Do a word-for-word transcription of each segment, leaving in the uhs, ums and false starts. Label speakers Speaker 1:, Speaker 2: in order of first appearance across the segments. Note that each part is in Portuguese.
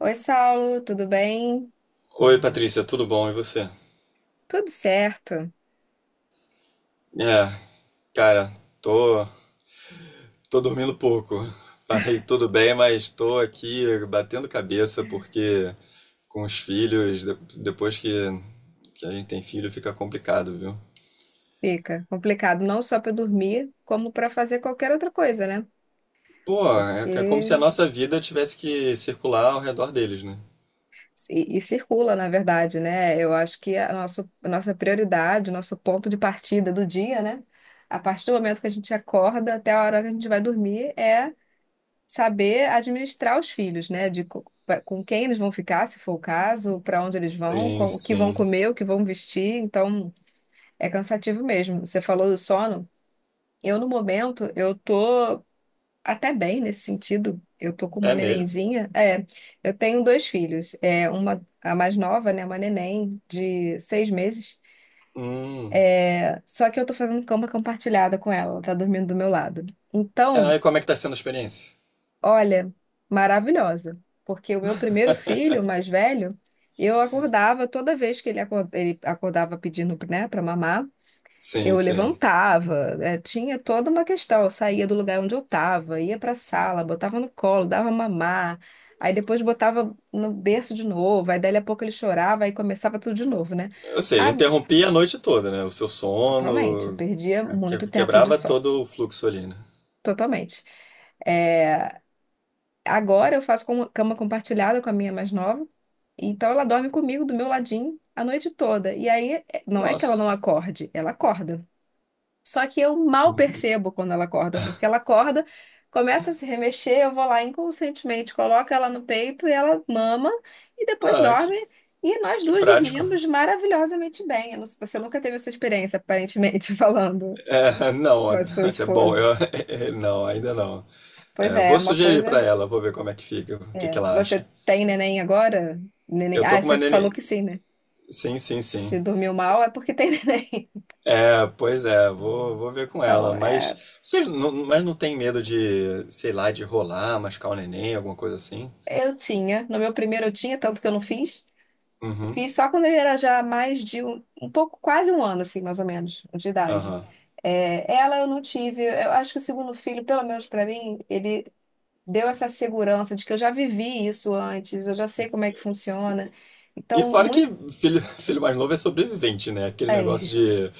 Speaker 1: Oi, Saulo, tudo bem?
Speaker 2: Oi, Patrícia, tudo bom? E você?
Speaker 1: Tudo certo.
Speaker 2: É, cara, tô, tô dormindo pouco. Falei tudo bem, mas tô aqui batendo cabeça porque com os filhos, de- depois que, que a gente tem filho, fica complicado, viu?
Speaker 1: Fica complicado não só para dormir, como para fazer qualquer outra coisa, né?
Speaker 2: Pô, é é como se a
Speaker 1: Porque
Speaker 2: nossa vida tivesse que circular ao redor deles, né?
Speaker 1: e, e circula, na verdade, né? Eu acho que a nosso, a nossa prioridade, o nosso ponto de partida do dia, né? A partir do momento que a gente acorda até a hora que a gente vai dormir, é saber administrar os filhos, né? De co- pra- com quem eles vão ficar, se for o caso, para onde eles vão, com-
Speaker 2: Sim,
Speaker 1: o que vão
Speaker 2: sim.
Speaker 1: comer, o que vão vestir. Então, é cansativo mesmo. Você falou do sono. Eu, no momento, eu tô até bem nesse sentido. Eu tô com uma
Speaker 2: É mesmo?
Speaker 1: nenenzinha. É, eu tenho dois filhos. É, uma, a mais nova, né? Uma neném de seis meses.
Speaker 2: Hum.
Speaker 1: Só que eu tô fazendo cama compartilhada com ela. Ela tá dormindo do meu lado.
Speaker 2: Ah,
Speaker 1: Então,
Speaker 2: e como é que tá sendo a experiência?
Speaker 1: olha, maravilhosa. Porque o meu primeiro filho, o mais velho, eu acordava toda vez que ele, acor- ele acordava pedindo, né, pra mamar. Eu
Speaker 2: Sim, sim.
Speaker 1: levantava, eh, tinha toda uma questão. Eu saía do lugar onde eu estava, ia para a sala, botava no colo, dava mamar, aí depois botava no berço de novo, aí dali a pouco ele chorava, aí começava tudo de novo, né?
Speaker 2: Ou seja,
Speaker 1: Ago-
Speaker 2: interrompia a noite toda, né? O seu
Speaker 1: Totalmente, eu
Speaker 2: sono,
Speaker 1: perdia
Speaker 2: que-
Speaker 1: muito tempo de
Speaker 2: quebrava
Speaker 1: só,
Speaker 2: todo o fluxo ali, né?
Speaker 1: totalmente. Eh, agora eu faço com- cama compartilhada com a minha mais nova, então ela dorme comigo do meu ladinho a noite toda. E aí, eh, não é que ela
Speaker 2: Nossa,
Speaker 1: não acorde, ela acorda. Só que eu mal percebo quando ela acorda, porque ela acorda, começa a se remexer, eu vou lá inconscientemente, coloco ela no peito e ela mama e depois
Speaker 2: ah, que,
Speaker 1: dorme. E nós
Speaker 2: que
Speaker 1: duas
Speaker 2: prático.
Speaker 1: dormimos maravilhosamente bem. Eu não- Você nunca teve essa experiência, aparentemente, falando
Speaker 2: Não,
Speaker 1: com a sua
Speaker 2: até bom,
Speaker 1: esposa.
Speaker 2: eu, não, ainda não.
Speaker 1: Pois
Speaker 2: É,
Speaker 1: é, é
Speaker 2: vou
Speaker 1: uma
Speaker 2: sugerir pra
Speaker 1: coisa.
Speaker 2: ela, vou ver como é que fica, o que que
Speaker 1: É.
Speaker 2: ela acha.
Speaker 1: Você tem neném agora? Neném...
Speaker 2: Eu
Speaker 1: Ah,
Speaker 2: tô com uma
Speaker 1: você falou
Speaker 2: nene...
Speaker 1: que sim, né?
Speaker 2: Sim, sim, sim.
Speaker 1: Se dormiu mal é porque tem neném.
Speaker 2: É, pois é, vou, vou ver com ela,
Speaker 1: Então,
Speaker 2: mas
Speaker 1: é,
Speaker 2: vocês não, mas não tem medo de, sei lá, de rolar, machucar o neném, alguma coisa assim?
Speaker 1: eu tinha. No meu primeiro eu tinha, tanto que eu não fiz.
Speaker 2: Uhum,
Speaker 1: Fiz só quando ele era já mais de um, um pouco, quase um ano, assim, mais ou menos, de idade.
Speaker 2: aham.
Speaker 1: É, ela eu não tive. Eu acho que o segundo filho, pelo menos para mim, ele deu essa segurança de que eu já vivi isso antes, eu já sei como é que funciona.
Speaker 2: E
Speaker 1: Então,
Speaker 2: fora que
Speaker 1: muito.
Speaker 2: filho, filho mais novo é sobrevivente, né? Aquele negócio
Speaker 1: É,
Speaker 2: de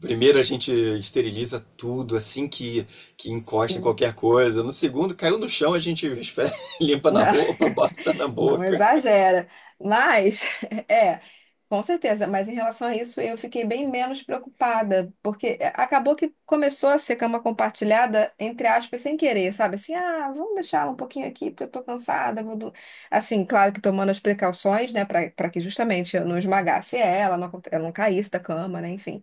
Speaker 2: primeiro a gente esteriliza tudo assim que, que encosta em
Speaker 1: sim.
Speaker 2: qualquer coisa. No segundo, caiu no chão, a gente esfre- limpa na roupa, bota na
Speaker 1: Não
Speaker 2: boca.
Speaker 1: exagera, mas é, com certeza. Mas em relação a isso, eu fiquei bem menos preocupada, porque eh, acabou que começou a ser cama compartilhada, entre aspas, sem querer, sabe? Assim, ah, vamos deixar ela um pouquinho aqui, porque eu tô cansada. Vou do... Assim, claro que tomando as precauções, né, para para que justamente eu não esmagasse ela, não, aconte- ela não caísse da cama, né, enfim.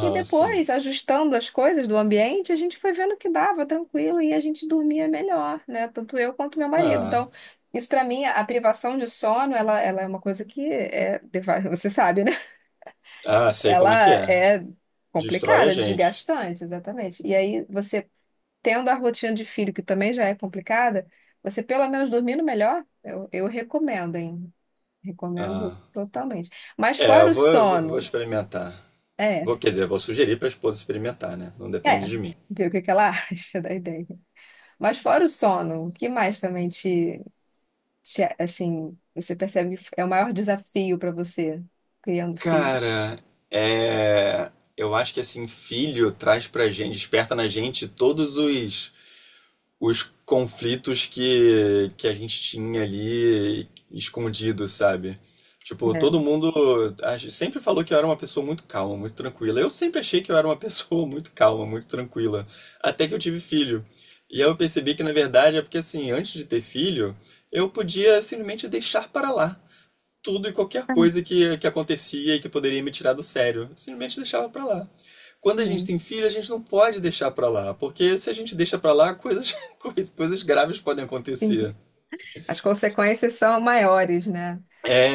Speaker 1: E
Speaker 2: sim.
Speaker 1: depois, ajustando as coisas do ambiente, a gente foi vendo que dava tranquilo e a gente dormia melhor, né? Tanto eu quanto meu marido. Então,
Speaker 2: Ah,
Speaker 1: isso para mim, a privação de sono, ela, ela é uma coisa que é, deva- você sabe, né?
Speaker 2: ah, sei como é que
Speaker 1: Ela
Speaker 2: é.
Speaker 1: é
Speaker 2: Destrói a
Speaker 1: complicada,
Speaker 2: gente.
Speaker 1: desgastante, exatamente. E aí, você tendo a rotina de filho, que também já é complicada, você pelo menos dormindo melhor, eu, eu recomendo, hein? Recomendo
Speaker 2: Ah.
Speaker 1: totalmente. Mas
Speaker 2: É,
Speaker 1: fora
Speaker 2: eu
Speaker 1: o
Speaker 2: vou, eu vou, vou
Speaker 1: sono,
Speaker 2: experimentar.
Speaker 1: é,
Speaker 2: Vou, quer dizer, vou sugerir para a esposa experimentar, né? Não
Speaker 1: é,
Speaker 2: depende de mim.
Speaker 1: ver o que que ela acha da ideia. Mas fora o sono, o que mais também te, te, assim, você percebe que é o maior desafio para você criando filhos?
Speaker 2: Cara, é, eu acho que assim, filho traz pra gente, desperta na gente todos os, os conflitos que, que a gente tinha ali escondido, sabe? Tipo,
Speaker 1: É.
Speaker 2: todo mundo a gente sempre falou que eu era uma pessoa muito calma, muito tranquila. Eu sempre achei que eu era uma pessoa muito calma, muito tranquila, até que eu tive filho. E aí eu percebi que na verdade é porque assim, antes de ter filho, eu podia simplesmente deixar para lá tudo e qualquer
Speaker 1: Ah,
Speaker 2: coisa que, que acontecia e que poderia me tirar do sério. Eu simplesmente deixava pra lá. Quando a gente
Speaker 1: sim.
Speaker 2: tem filho, a gente não pode deixar pra lá, porque se a gente deixa pra lá, coisas, coisas, coisas graves podem
Speaker 1: Sim.
Speaker 2: acontecer.
Speaker 1: As consequências são maiores, né?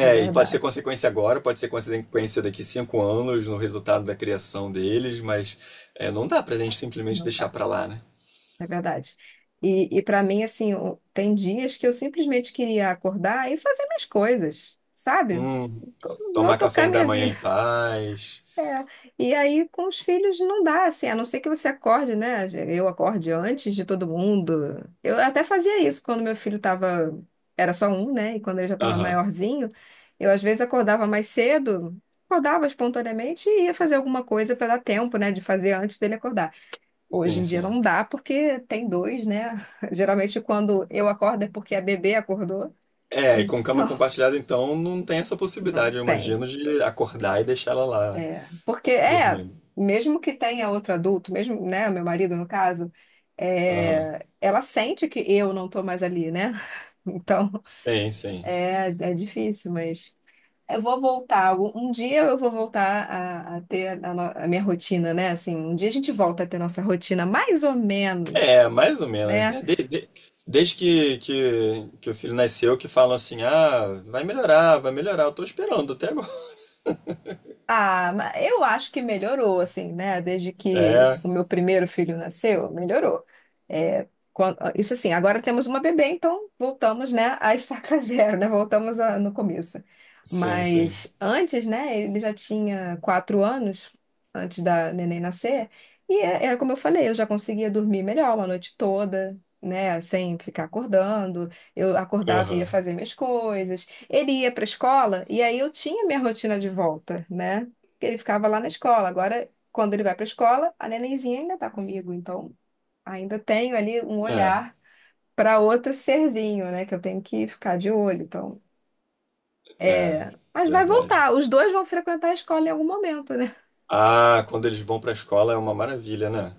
Speaker 1: É
Speaker 2: e pode ser
Speaker 1: verdade.
Speaker 2: consequência agora, pode ser consequência daqui cinco anos no resultado da criação deles, mas é, não dá pra gente simplesmente
Speaker 1: Não
Speaker 2: deixar
Speaker 1: dá.
Speaker 2: pra lá, né?
Speaker 1: É verdade. E, e para mim, assim, o- tem dias que eu simplesmente queria acordar e fazer minhas coisas, sabe?
Speaker 2: Hum,
Speaker 1: Eu vou
Speaker 2: tomar café
Speaker 1: tocar
Speaker 2: ainda
Speaker 1: minha
Speaker 2: amanhã
Speaker 1: vida.
Speaker 2: em paz.
Speaker 1: É, e aí com os filhos não dá, assim, a não ser que você acorde, né? Eu acorde antes de todo mundo. Eu até fazia isso quando meu filho tava, era só um, né? E quando ele já estava
Speaker 2: Aham,
Speaker 1: maiorzinho, eu às vezes acordava mais cedo, acordava espontaneamente e ia fazer alguma coisa para dar tempo, né? De fazer antes dele acordar. Hoje
Speaker 2: sim,
Speaker 1: em dia
Speaker 2: sim.
Speaker 1: não dá porque tem dois, né? Geralmente quando eu acordo é porque a bebê acordou.
Speaker 2: É, e com cama
Speaker 1: Então,
Speaker 2: compartilhada, então, não tem essa
Speaker 1: não
Speaker 2: possibilidade, eu
Speaker 1: tem.
Speaker 2: imagino, de acordar e deixar ela lá,
Speaker 1: É, porque é,
Speaker 2: dormindo.
Speaker 1: mesmo que tenha outro adulto, mesmo, né, meu marido no caso,
Speaker 2: Aham.
Speaker 1: é, ela sente que eu não tô mais ali, né? Então,
Speaker 2: Sim, sim.
Speaker 1: é, é difícil, mas eu vou voltar. algum- Um dia eu vou voltar a, a ter a, no- a minha rotina, né? Assim, um dia a gente volta a ter nossa rotina, mais ou menos,
Speaker 2: É, mais ou menos,
Speaker 1: né?
Speaker 2: né? De- de- desde que, que, que o filho nasceu, que falam assim, ah, vai melhorar, vai melhorar, eu tô esperando até agora.
Speaker 1: Ah, ma- eu acho que melhorou, assim, né? Desde que
Speaker 2: É,
Speaker 1: o meu primeiro filho nasceu, melhorou. É, quan- ah, isso assim, agora temos uma bebê, então voltamos, né, a estaca zero, né? Voltamos a- no começo.
Speaker 2: sim, sim.
Speaker 1: Mas antes, né, ele já tinha quatro anos, antes da neném nascer, e é- era como eu falei, eu já conseguia dormir melhor uma noite toda, né, sem ficar acordando. Eu acordava e ia
Speaker 2: Aham.
Speaker 1: fazer minhas coisas. Ele ia para a escola e aí eu tinha minha rotina de volta, né? Porque ele ficava lá na escola. Agora, quando ele vai para a escola, a nenenzinha ainda está comigo, então ainda tenho ali um
Speaker 2: É,
Speaker 1: olhar para outro serzinho, né? Que eu tenho que ficar de olho. Então,
Speaker 2: É,
Speaker 1: é. Mas vai
Speaker 2: verdade.
Speaker 1: voltar, os dois vão frequentar a escola em algum momento, né?
Speaker 2: Ah, quando eles vão pra escola é uma maravilha, né?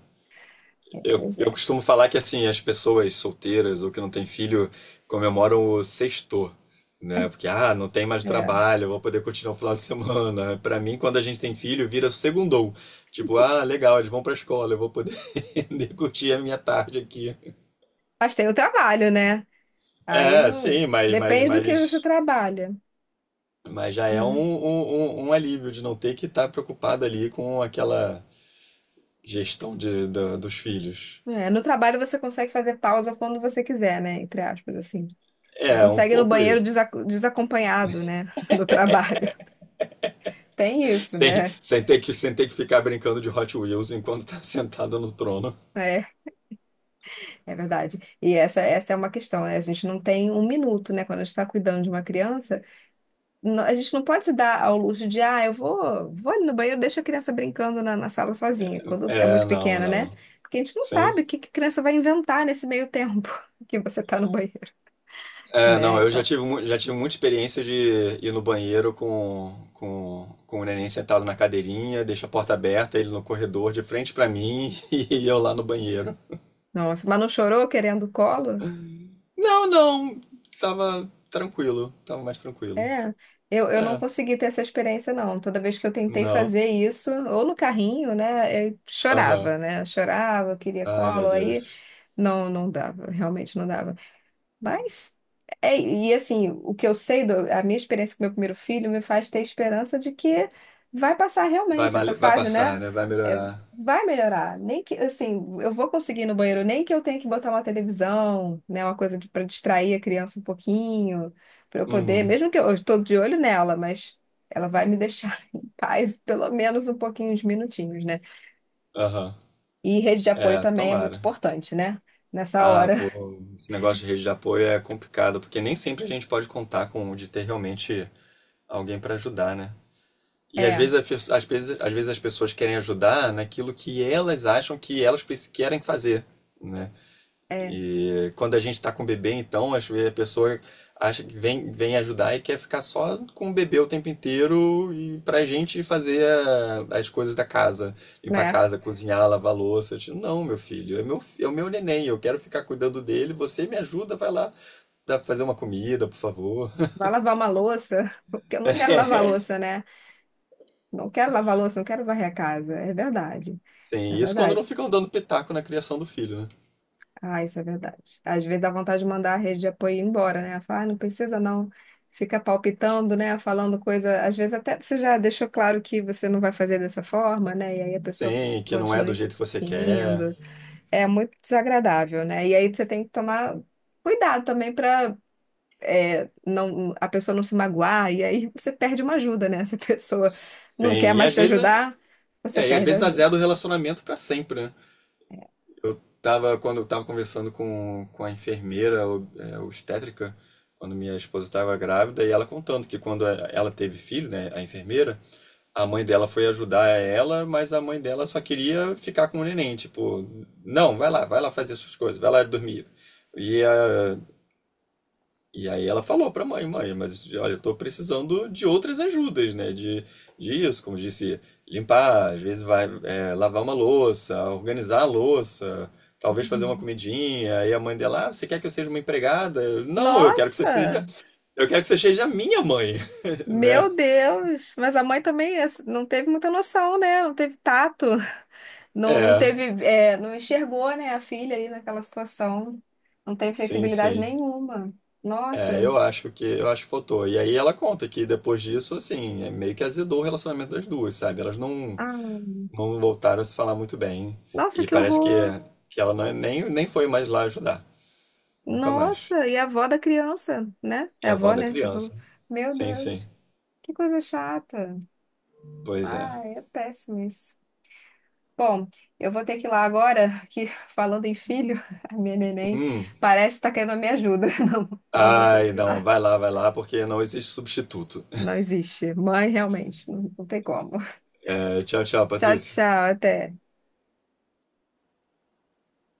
Speaker 1: É,
Speaker 2: Eu,
Speaker 1: pois
Speaker 2: eu
Speaker 1: é,
Speaker 2: costumo falar que assim, as pessoas solteiras ou que não têm filho comemoram o sexto, né? Porque ah, não tem mais
Speaker 1: é.
Speaker 2: trabalho, vou poder continuar o final de semana. Pra mim, quando a gente tem filho, vira segundou. Tipo, ah, legal, eles vão pra escola, eu vou poder curtir a minha tarde aqui.
Speaker 1: Mas tem o trabalho, né? Aí
Speaker 2: É,
Speaker 1: no
Speaker 2: sim, mas mas
Speaker 1: Depende do que você
Speaker 2: mas
Speaker 1: trabalha,
Speaker 2: mas já é um,
Speaker 1: né?
Speaker 2: um, um um alívio de não ter que estar preocupado ali com aquela gestão de, da- dos filhos.
Speaker 1: É, no trabalho você consegue fazer pausa quando você quiser, né? Entre aspas, assim. Você
Speaker 2: É, um
Speaker 1: consegue ir no
Speaker 2: pouco
Speaker 1: banheiro
Speaker 2: isso.
Speaker 1: desa- desacompanhado, né? Do trabalho. Tem isso,
Speaker 2: Sem,
Speaker 1: né?
Speaker 2: sem, ter que, sem ter que ficar brincando de Hot Wheels enquanto tá sentado no trono.
Speaker 1: É, é verdade. E essa, essa é uma questão, né? A gente não tem um minuto, né? Quando a gente está cuidando de uma criança, no- a gente não pode se dar ao luxo de, ah, eu vou, vou ali no banheiro, deixa a criança brincando na, na sala sozinha, quando é
Speaker 2: É,
Speaker 1: muito
Speaker 2: não,
Speaker 1: pequena, né?
Speaker 2: não.
Speaker 1: Porque a gente não
Speaker 2: Sim.
Speaker 1: sabe o que, que a criança vai inventar nesse meio tempo que você está no banheiro,
Speaker 2: É, não,
Speaker 1: né?
Speaker 2: eu já
Speaker 1: Então,
Speaker 2: tive, mu- já tive muita experiência de ir no banheiro com, com, com o neném sentado na cadeirinha, deixa a porta aberta, ele no corredor de frente pra mim e eu lá no banheiro.
Speaker 1: nossa, mas não chorou querendo colo?
Speaker 2: Não, não, tava tranquilo, tava mais tranquilo.
Speaker 1: É, eu, eu não
Speaker 2: É,
Speaker 1: consegui ter essa experiência, não. Toda vez que eu tentei
Speaker 2: não,
Speaker 1: fazer isso, ou no carrinho, né, eu
Speaker 2: aham.
Speaker 1: chorava, né? Chorava, eu queria
Speaker 2: Ai, meu
Speaker 1: colo, aí
Speaker 2: Deus.
Speaker 1: não, não dava, realmente não dava. Mas, é, e assim, o que eu sei, do- a minha experiência com meu primeiro filho me faz ter esperança de que vai passar
Speaker 2: Vai,
Speaker 1: realmente essa
Speaker 2: mal- vai
Speaker 1: fase, né?
Speaker 2: passar, né? Vai
Speaker 1: É,
Speaker 2: melhorar.
Speaker 1: vai melhorar. Nem que, assim, eu vou conseguir ir no banheiro, nem que eu tenha que botar uma televisão, né? Uma coisa para distrair a criança um pouquinho, para eu poder,
Speaker 2: Uhum,
Speaker 1: mesmo que eu estou de olho nela, mas ela vai me deixar em paz pelo menos um pouquinho, uns minutinhos, né?
Speaker 2: aham.
Speaker 1: E rede de apoio
Speaker 2: É,
Speaker 1: também é muito
Speaker 2: tomara.
Speaker 1: importante, né? Nessa
Speaker 2: Ah,
Speaker 1: hora.
Speaker 2: pô, esse negócio de rede de apoio é complicado, porque nem sempre a gente pode contar com de ter realmente alguém para ajudar, né? E às
Speaker 1: É,
Speaker 2: vezes, as, pe- às vezes, às vezes as pessoas querem ajudar naquilo que elas acham que elas preci- querem fazer, né?
Speaker 1: é,
Speaker 2: E quando a gente está com o bebê, então, acho que a pessoa acha que vem, vem ajudar e quer ficar só com o bebê o tempo inteiro e pra gente fazer a- as coisas da casa, limpar a
Speaker 1: né?
Speaker 2: casa, cozinhar, lavar louça. Eu digo, não, meu filho, é meu, fi- é o meu neném, eu quero ficar cuidando dele, você me ajuda, vai lá dá- fazer uma comida, por favor.
Speaker 1: Vai lavar uma louça, porque eu não quero lavar a louça, né? Não quero lavar a louça, não quero varrer a casa. É verdade. É
Speaker 2: Sim, isso quando não
Speaker 1: verdade.
Speaker 2: ficam dando pitaco na criação do filho, né?
Speaker 1: Ah, isso é verdade. Às vezes dá vontade de mandar a rede de apoio embora, né? Falar, ah, não precisa não. Fica palpitando, né? Falando coisa. Às vezes até você já deixou claro que você não vai fazer dessa forma, né? E aí a pessoa
Speaker 2: Sim, que não é
Speaker 1: continua
Speaker 2: do jeito que você quer.
Speaker 1: insistindo. É muito desagradável, né? E aí você tem que tomar cuidado também para é, não, a pessoa não se magoar, e aí você perde uma ajuda, né? Se a pessoa não quer
Speaker 2: Sim, e
Speaker 1: mais
Speaker 2: às
Speaker 1: te
Speaker 2: vezes,
Speaker 1: ajudar, você
Speaker 2: é, é, e às
Speaker 1: perde a
Speaker 2: vezes
Speaker 1: ajuda.
Speaker 2: azeda o relacionamento pra sempre, né? Eu tava, quando eu tava conversando com, com a enfermeira o- é, obstétrica, quando minha esposa estava grávida, e ela contando que quando a- ela teve filho, né, a enfermeira, a mãe dela foi ajudar ela, mas a mãe dela só queria ficar com o neném, tipo, não, vai lá, vai lá fazer suas coisas, vai lá dormir. E a, e aí ela falou pra mãe, mãe, mas olha, eu tô precisando de outras ajudas, né? De, de isso, como disse, limpar, às vezes vai é, lavar uma louça, organizar a louça, talvez fazer uma
Speaker 1: Uhum.
Speaker 2: comidinha. E a mãe dela, ah, você quer que eu seja uma empregada? Eu, Não, eu quero que você
Speaker 1: Nossa,
Speaker 2: seja, eu quero que você seja minha mãe, né?
Speaker 1: meu Deus! Mas a mãe também é, assim, não teve muita noção, né? Não teve tato, não, não
Speaker 2: É,
Speaker 1: teve, é, não enxergou, né, a filha ali naquela situação, não teve
Speaker 2: sim,
Speaker 1: sensibilidade
Speaker 2: sim.
Speaker 1: nenhuma.
Speaker 2: É,
Speaker 1: Nossa,
Speaker 2: eu acho que eu acho que faltou. E aí ela conta que depois disso, assim, é meio que azedou o relacionamento das duas, sabe? Elas não
Speaker 1: ah,
Speaker 2: não voltaram a se falar muito bem.
Speaker 1: nossa,
Speaker 2: E
Speaker 1: que
Speaker 2: parece que,
Speaker 1: horror!
Speaker 2: que ela não, é- nem, nem foi mais lá ajudar. Nunca mais.
Speaker 1: Nossa, e a avó da criança, né? É
Speaker 2: É
Speaker 1: a
Speaker 2: a avó
Speaker 1: avó,
Speaker 2: da
Speaker 1: né, que você falou.
Speaker 2: criança.
Speaker 1: Meu
Speaker 2: Sim,
Speaker 1: Deus,
Speaker 2: sim.
Speaker 1: que coisa chata.
Speaker 2: Pois é.
Speaker 1: Ah, é péssimo isso. Bom, eu vou ter que ir lá agora, que falando em filho, a minha neném parece estar querendo a minha ajuda. Não, então eu vou ter
Speaker 2: Ai,
Speaker 1: que ir
Speaker 2: não,
Speaker 1: lá.
Speaker 2: vai lá, vai lá, porque não existe substituto.
Speaker 1: Não existe. Mãe, realmente, não não tem como.
Speaker 2: Tchau, tchau,
Speaker 1: Tchau,
Speaker 2: Patrícia.
Speaker 1: tchau, até.